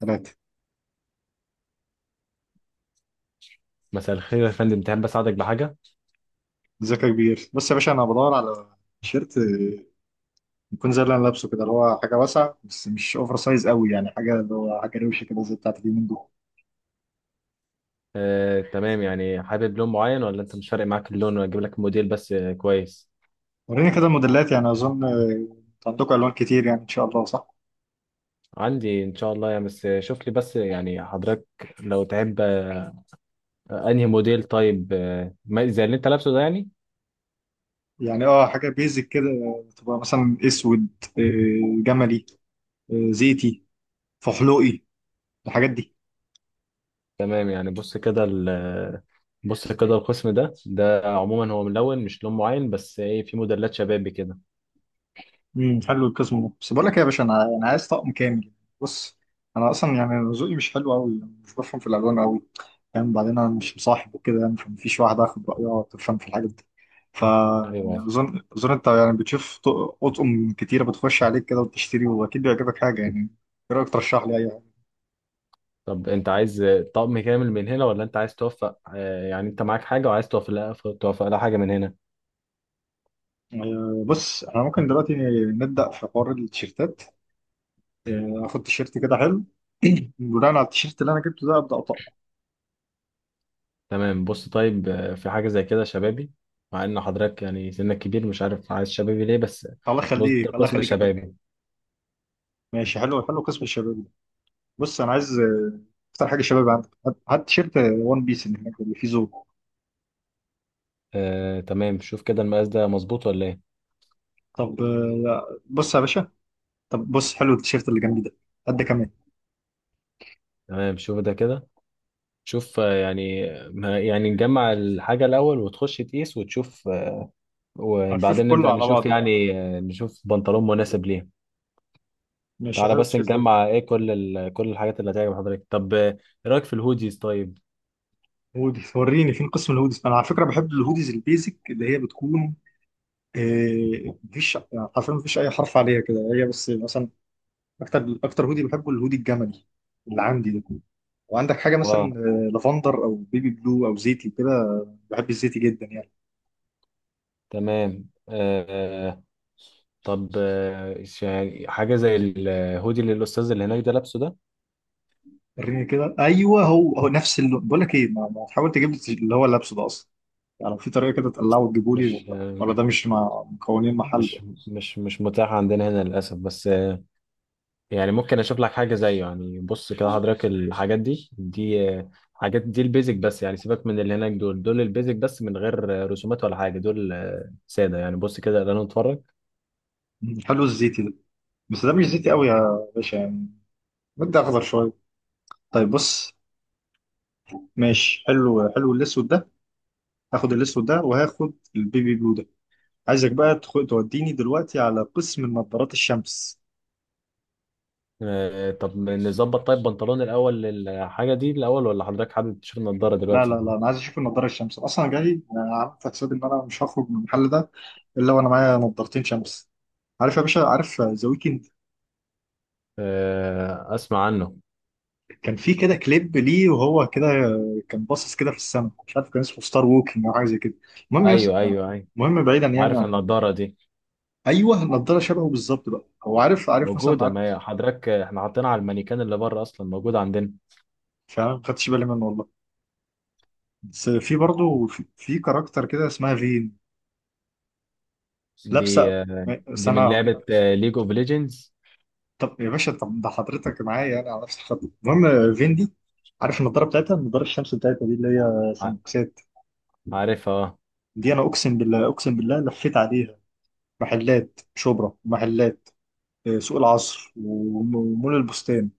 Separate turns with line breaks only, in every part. ثلاثة
مساء الخير يا فندم، تحب اساعدك بحاجه؟
ذكاء كبير، بص يا باشا، أنا بدور على تيشيرت يكون زي اللي أنا لابسه كده، اللي هو حاجة واسعة بس مش أوفر سايز قوي، يعني حاجة اللي هو حاجة روشة كده زي بتاعت اليومين دول.
تمام، يعني حابب لون معين ولا انت مش فارق معاك اللون واجيب لك موديل بس؟ كويس.
وريني كده الموديلات، يعني أظن عندكم ألوان كتير يعني إن شاء الله، صح؟
عندي ان شاء الله يعني، بس شوف لي بس يعني حضرتك لو تحب، انهي موديل؟ طيب زي اللي انت لابسه ده يعني؟
يعني حاجة بيزك كده، تبقى مثلا أسود، جملي، زيتي، فحلوقي، الحاجات دي.
تمام يعني. بص كده، القسم ده، ده عموما هو ملون، مش لون معين، بس ايه، في موديلات شبابي كده.
حلو القسم ده، بس بقول لك إيه يا باشا، انا عايز طقم كامل. بص، انا اصلا يعني ذوقي مش حلو قوي، مش بفهم في الالوان قوي، يعني بعدين انا مش مصاحب وكده يعني، فمفيش واحده اخد رايها تفهم في الحاجات دي.
ايوه.
فاظن انت يعني بتشوف، اطقم كتيره بتخش عليك كده وبتشتري واكيد بيعجبك حاجه يعني. ايه رايك ترشح لي اي حاجه؟
طب انت عايز طقم كامل من هنا، ولا انت عايز توفق؟ يعني انت معاك حاجه وعايز توفق لها، توفق لها حاجه من هنا؟
بص، احنا ممكن دلوقتي نبدا في حوار التيشيرتات. اخد تيشيرت كده حلو. بناء على التيشيرت اللي انا جبته ده، ابدا اطقم.
تمام. بص طيب، في حاجة زي كده شبابي، مع ان حضرتك يعني سنك كبير، مش عارف عايز شبابي ليه بس.
الله
بص ده
يخليك، الله
قسم
يخليك يا فندم.
شبابي.
ماشي، حلو حلو قسم الشباب ده. بص انا عايز اكتر حاجه شباب عندك. هات هات تيشيرت وان بيس اللي هناك اللي فيه زور.
آه تمام، شوف كده المقاس ده مظبوط ولا ايه؟
طب بص يا باشا، طب بص، حلو التيشيرت اللي جنبي ده، قد كمان.
تمام شوف ده كده. شوف يعني يعني نجمع الحاجة الأول وتخش تقيس وتشوف،
هشوف
وبعدين
كله
نبدأ
على
نشوف
بعضه.
يعني، نشوف بنطلون مناسب ليه.
ماشي،
تعالى
حلو
بس
التيشيرت ده.
نجمع، ايه، كل ال... كل الحاجات اللي هتعجب حضرتك. طب ايه رأيك في الهوديز طيب؟
هودي، وريني فين قسم الهوديز. انا على فكره بحب الهوديز البيزك، اللي هي بتكون مفيش، يعني حرفيا مفيش اي حرف عليها كده، هي بس مثلا. اكتر اكتر هودي بحبه، الهودي الجملي اللي عندي ده. وعندك حاجه مثلا
اه
لافندر او بيبي بلو او زيتي كده. بحب الزيتي جدا يعني.
تمام. آه طب حاجة زي الهودي اللي الأستاذ اللي هناك ده لابسه ده.
وريني كده. ايوه، هو هو نفس اللون. بقول لك ايه، ما تحاول تجيب لي اللي هو لابسه ده اصلا، يعني في طريقه كده تقلعه وتجيبه لي،
مش
ولا
آه
ده مش مع مكونين محله؟
مش مش مش متاح عندنا هنا للأسف، بس آه، يعني ممكن أشوف لك حاجة زيه يعني. بص كده حضرتك، الحاجات دي آه، حاجات دي البيزك بس، يعني سيبك من اللي هناك، دول البيزك بس من غير رسومات ولا حاجة، دول آه سادة يعني. بص كده خلينا نتفرج.
حلو الزيتي ده، بس ده مش زيتي قوي يا باشا يعني، مدي اخضر شويه. طيب بص، ماشي، حلو حلو الاسود ده. هاخد الاسود ده وهاخد البيبي بلو ده. عايزك بقى توديني دلوقتي على قسم نظارات الشمس.
آه طب نظبط طيب بنطلون الأول للحاجة دي الأول، ولا حضرتك حابب تشوف النضارة
لا لا
دلوقتي؟
لا، انا عايز اشوف النضاره الشمس، اصلا جاي. أنا عملت حسابي ان انا مش هخرج من المحل ده الا وانا معايا نضارتين شمس. عارف يا باشا؟ عارف ذا ويكند؟
آه أسمع عنه.
كان في كده كليب ليه وهو كده كان باصص كده في السماء، مش عارف كان اسمه ستار ووكينج او حاجه زي كده، المهم
ايوه ايوه ايوه،
المهم، بعيدا يعني
عارف
عن،
النضاره دي،
ايوه، النضاره شبهه بالظبط بقى. هو عارف عارف مثلا،
موجوده.
عارف.
ما هي حضرتك احنا حاطينها على المانيكان اللي بره، اصلا موجوده عندنا.
فعلا ما خدتش بالي منه والله. بس في برضه، في كاركتر كده اسمها فين،
دي
لابسه،
دي
سنه
من لعبه
هوريك.
ليج اوف ليجندز.
طب يا باشا، طب ده حضرتك معايا يعني على نفس الخط. المهم فين دي؟ عارف النضاره بتاعتها، النضاره الشمس بتاعتها دي اللي هي سمبوكسات.
عارفها، اه.
دي انا اقسم بالله، اقسم بالله لفيت عليها محلات شبرا، محلات سوق العصر، ومول البستان.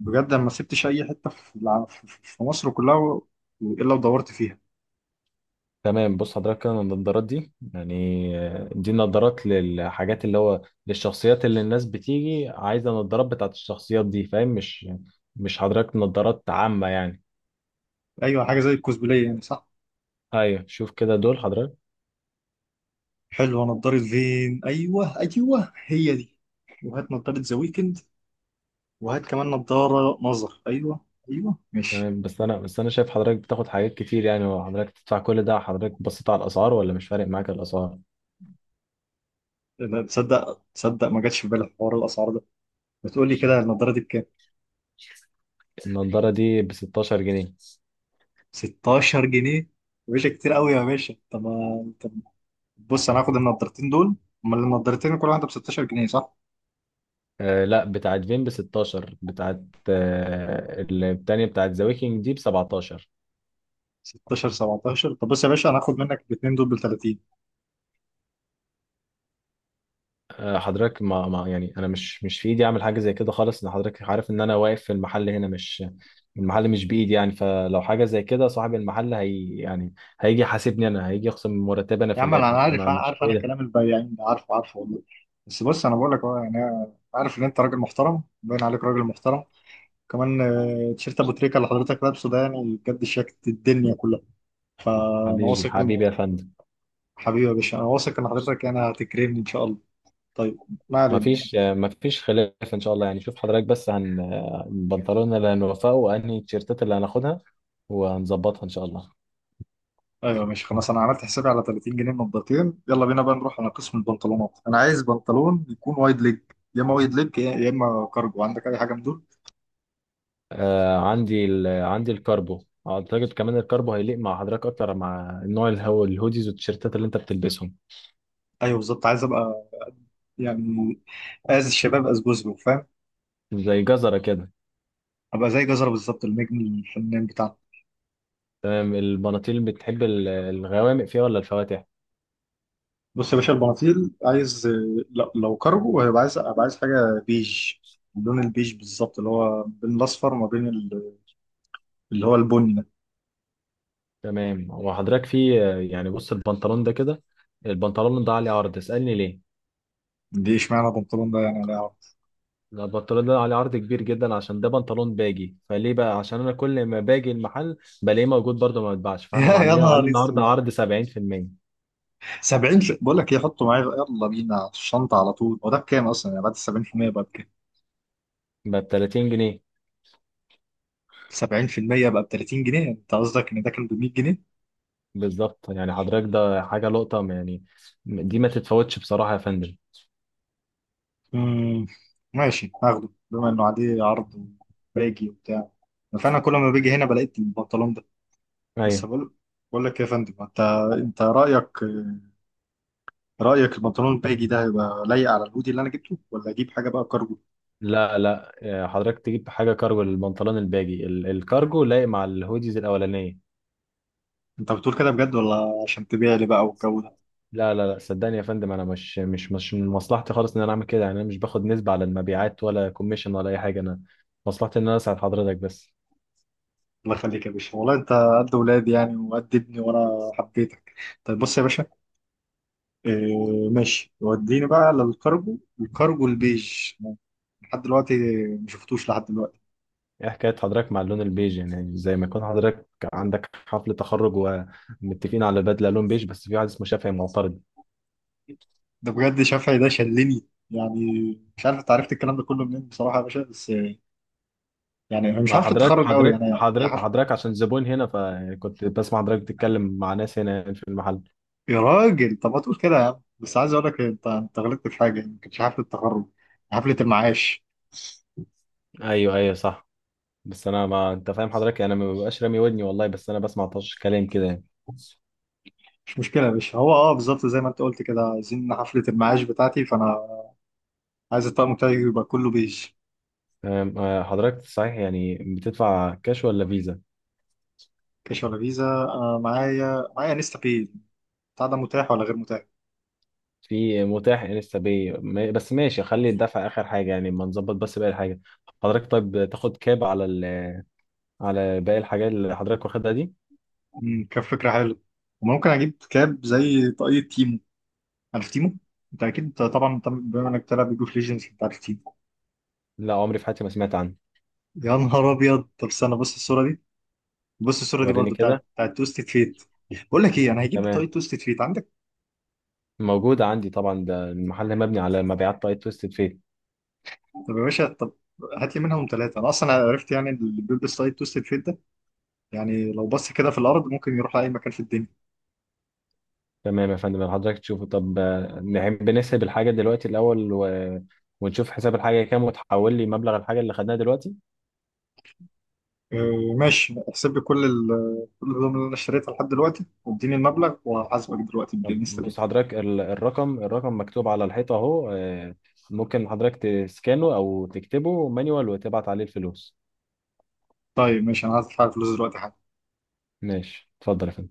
بجد انا ما سبتش اي حته في في مصر كلها الا ودورت فيها.
تمام، بص حضرتك كده النضارات دي يعني، دي النضارات للحاجات اللي هو للشخصيات، اللي الناس بتيجي عايزه النضارات بتاعت الشخصيات دي، فاهم؟ مش حضرتك نضارات عامه يعني.
ايوه، حاجه زي الكوسبلاي يعني، صح.
ايوه شوف كده دول حضرتك.
حلوه نضاره، فين؟ ايوه ايوه، هي دي. وهات نضاره ذا ويكند، وهات كمان نضاره نظر. ايوه ايوه، ماشي.
تمام، بس انا شايف حضرتك بتاخد حاجات كتير يعني، وحضرتك تدفع كل ده، حضرتك بصيت على الاسعار ولا مش فارق معاك الاسعار؟
لا، تصدق تصدق، ما جاتش في بالي حوار الاسعار ده. بتقول لي كده النضاره دي بكام؟
النضاره دي ب 16 جنيه.
16 جنيه يا باشا؟ كتير قوي يا باشا، طب ما بص، انا هاخد النضارتين دول. امال النضارتين كل واحده ب 16 جنيه صح؟
آه لا، بتاعت فين ب 16؟ بتاعت آه، التانية بتاعت ذا ويكينج دي ب 17.
16، 17، طب بص يا باشا، انا هاخد منك الاثنين دول ب 30.
آه حضرتك ما يعني انا مش في ايدي اعمل حاجه زي كده خالص، ان حضرتك عارف ان انا واقف في المحل هنا، مش المحل مش بايدي يعني. فلو حاجه زي كده، صاحب المحل هي يعني هيجي يحاسبني انا، هيجي يخصم من مرتبي انا
يا
في
عم انا
الاخر،
عارف
فانا مش،
عارف، انا
ايه ده.
كلام البياعين ده عارفه عارفه والله، بس بص، انا بقول لك اهو يعني. أنا عارف ان انت راجل محترم، باين عليك راجل محترم، كمان تيشيرت ابو تريكه اللي حضرتك لابسه ده، يعني بجد شياكة الدنيا كلها. فانا
حبيبي
واثق ان،
حبيبي يا فندم.
حبيبي يا باشا، انا واثق ان حضرتك يعني هتكرمني ان شاء الله. طيب، ما
ما
علينا.
فيش ما فيش خلاف ان شاء الله يعني. شوف حضرتك بس هن، البنطلون اللي هنوفقه وانهي التيشيرتات اللي هناخدها، وهنظبطها ان شاء الله.
ايوه، ماشي، خلاص. انا عملت حسابي على 30 جنيه نضارتين. يلا بينا بقى نروح على قسم البنطلونات. انا عايز بنطلون يكون وايد ليج، يا اما وايد ليج، يا اما كارجو. عندك اي حاجه من دول؟
آه، عندي ال... عندي الكاربو، اعتقد كمان الكاربو هيليق مع حضرتك اكتر، مع النوع الهوديز والتيشيرتات اللي انت بتلبسهم.
ايوه بالظبط، عايز ابقى يعني از الشباب از جوزله، فاهم؟
زي جزرة كده.
ابقى زي جزره بالظبط، النجم الفنان بتاعنا.
تمام، البناطيل بتحب الغوامق فيها ولا الفواتح؟
بص يا باشا، البناطيل عايز، لو كارجو هيبقى عايز ابقى، عايز حاجه بيج. اللون البيج بالظبط، اللي هو بين الاصفر وما بين اللي هو البني ده.
تمام. وحضرتك في، يعني بص البنطلون ده كده، البنطلون ده عليه عرض، اسألني ليه.
دي اشمعنى بنطلون ده يعني؟ لا.
لا، البنطلون ده عليه عرض كبير جدا، عشان ده بنطلون باجي فليه بقى، عشان انا كل ما باجي المحل بلاقيه موجود برضه، ما بتباعش، فاحنا
يا
عاملين عليه
نهار
النهارده
اسود،
عرض 70%،
70؟ بقول لك ايه، حطه معايا، يلا بينا في الشنطه على طول. هو ده بكام اصلا يعني بعد ال 70% بقى بكام؟
ب 30 جنيه.
70% بقى ب 30 جنيه؟ انت قصدك ان ده كان ب 100 جنيه؟
بالظبط يعني، حضرتك ده حاجه لقطه ما يعني، دي ما تتفوتش بصراحه يا فندم.
امم ماشي، هاخده بما انه عليه عرض وباجي وبتاع، فانا كل ما باجي هنا بلاقي البنطلون ده. بس
ايوه.
بقول لك إيه يا فندم، انت رايك البنطلون الباجي ده هيبقى لايق على الهودي اللي انا جبته، ولا اجيب حاجه بقى كارجو؟
لا لا، حضرتك تجيب حاجه كارجو للبنطلون الباجي، الكارجو لايق مع الهوديز الاولانيه.
انت بتقول كده بجد ولا عشان تبيع لي بقى والجو ده؟
لا، صدقني يا فندم انا مش من مصلحتي خالص ان انا اعمل كده يعني، انا مش باخد نسبه على المبيعات ولا كوميشن ولا اي حاجه، انا مصلحتي ان انا اساعد حضرتك بس.
الله يخليك يا باشا، والله انت قد ولادي يعني وقد ابني، وانا حبيتك. طيب بص يا باشا، اه ماشي، وديني بقى للكارجو، الكارجو البيج. لحد دلوقتي ما شفتوش لحد دلوقتي.
ايه حكاية حضرتك مع اللون البيج يعني، زي ما يكون حضرتك عندك حفل تخرج ومتفقين على بدلة لون بيج، بس في واحد اسمه شافعي معترض.
ده بجد شافعي ده شلني يعني، مش عارف انت عرفت الكلام ده كله منين بصراحه يا باشا، بس يعني انا مش
مع
عارف
حضرتك،
التخرج قوي
حضرتك
يعني. يا
حضرتك
حف...
حضرتك عشان زبون هنا، فكنت بسمع حضرتك بتتكلم مع ناس هنا يعني في المحل.
يا راجل، طب ما تقول كده يا عم. بس عايز اقول لك، انت غلطت في حاجه، يعني ما كانتش حفله التخرج، حفله المعاش.
ايوه ايوه صح. بس انا، ما انت فاهم حضرتك، انا ما ببقاش رامي ودني والله، بس انا بسمع طش كلام كده يعني.
مش مشكله يا باشا، هو بالظبط زي ما انت قلت كده، عايزين حفله المعاش بتاعتي، فانا عايز الطقم بتاعي يبقى كله بيج.
أم، آه، حضرتك صحيح يعني بتدفع كاش ولا فيزا؟
كاش ولا فيزا؟ انا معايا نستا باي. بتاع ده متاح ولا غير متاح؟
في متاح لسه، بي ما- بس ماشي، خلي الدفع اخر حاجه يعني، ما نظبط بس باقي الحاجه. حضرتك طيب تاخد كاب على ال... على باقي الحاجات اللي حضرتك واخدها دي؟
كان فكره حلوه. وممكن اجيب كاب زي طاقية تيمو. عارف تيمو؟ انت اكيد طبعا، بما انك بتلعب ليج اوف ليجندز انت عارف تيمو.
لا عمري في حياتي ما سمعت عنه.
يا نهار ابيض، طب استنى، بص الصوره دي، بص الصوره دي
وريني
برضو
كده.
بتاعت توستد فيت. بقول لك ايه، انا هجيب
تمام،
طاقية توستد فيت. عندك؟
موجود عندي طبعا، ده المحل مبني على مبيعات طاقية تويستد فيت.
طب يا باشا، طب هات لي منهم ثلاثه. انا اصلا عرفت يعني اللي بيلبس طاقية توستد فيت ده يعني، لو بص كده في الارض ممكن يروح لاي مكان في الدنيا.
تمام يا فندم، حضرتك تشوفه. طب نحب نحسب الحاجه دلوقتي الاول و... ونشوف حساب الحاجه كام، وتحول لي مبلغ الحاجه اللي خدناها دلوقتي.
ماشي، احسب لي كل كل الهدوم اللي انا اشتريتها لحد دلوقتي واديني المبلغ، وهحاسبك دلوقتي
طب
بالنسبه
بص
دي.
حضرتك، الرقم، الرقم مكتوب على الحيطة اهو، ممكن حضرتك تسكانه او تكتبه مانيوال وتبعت عليه الفلوس.
طيب ماشي، انا هدفع الفلوس دلوقتي حالا.
ماشي اتفضل يا فندم.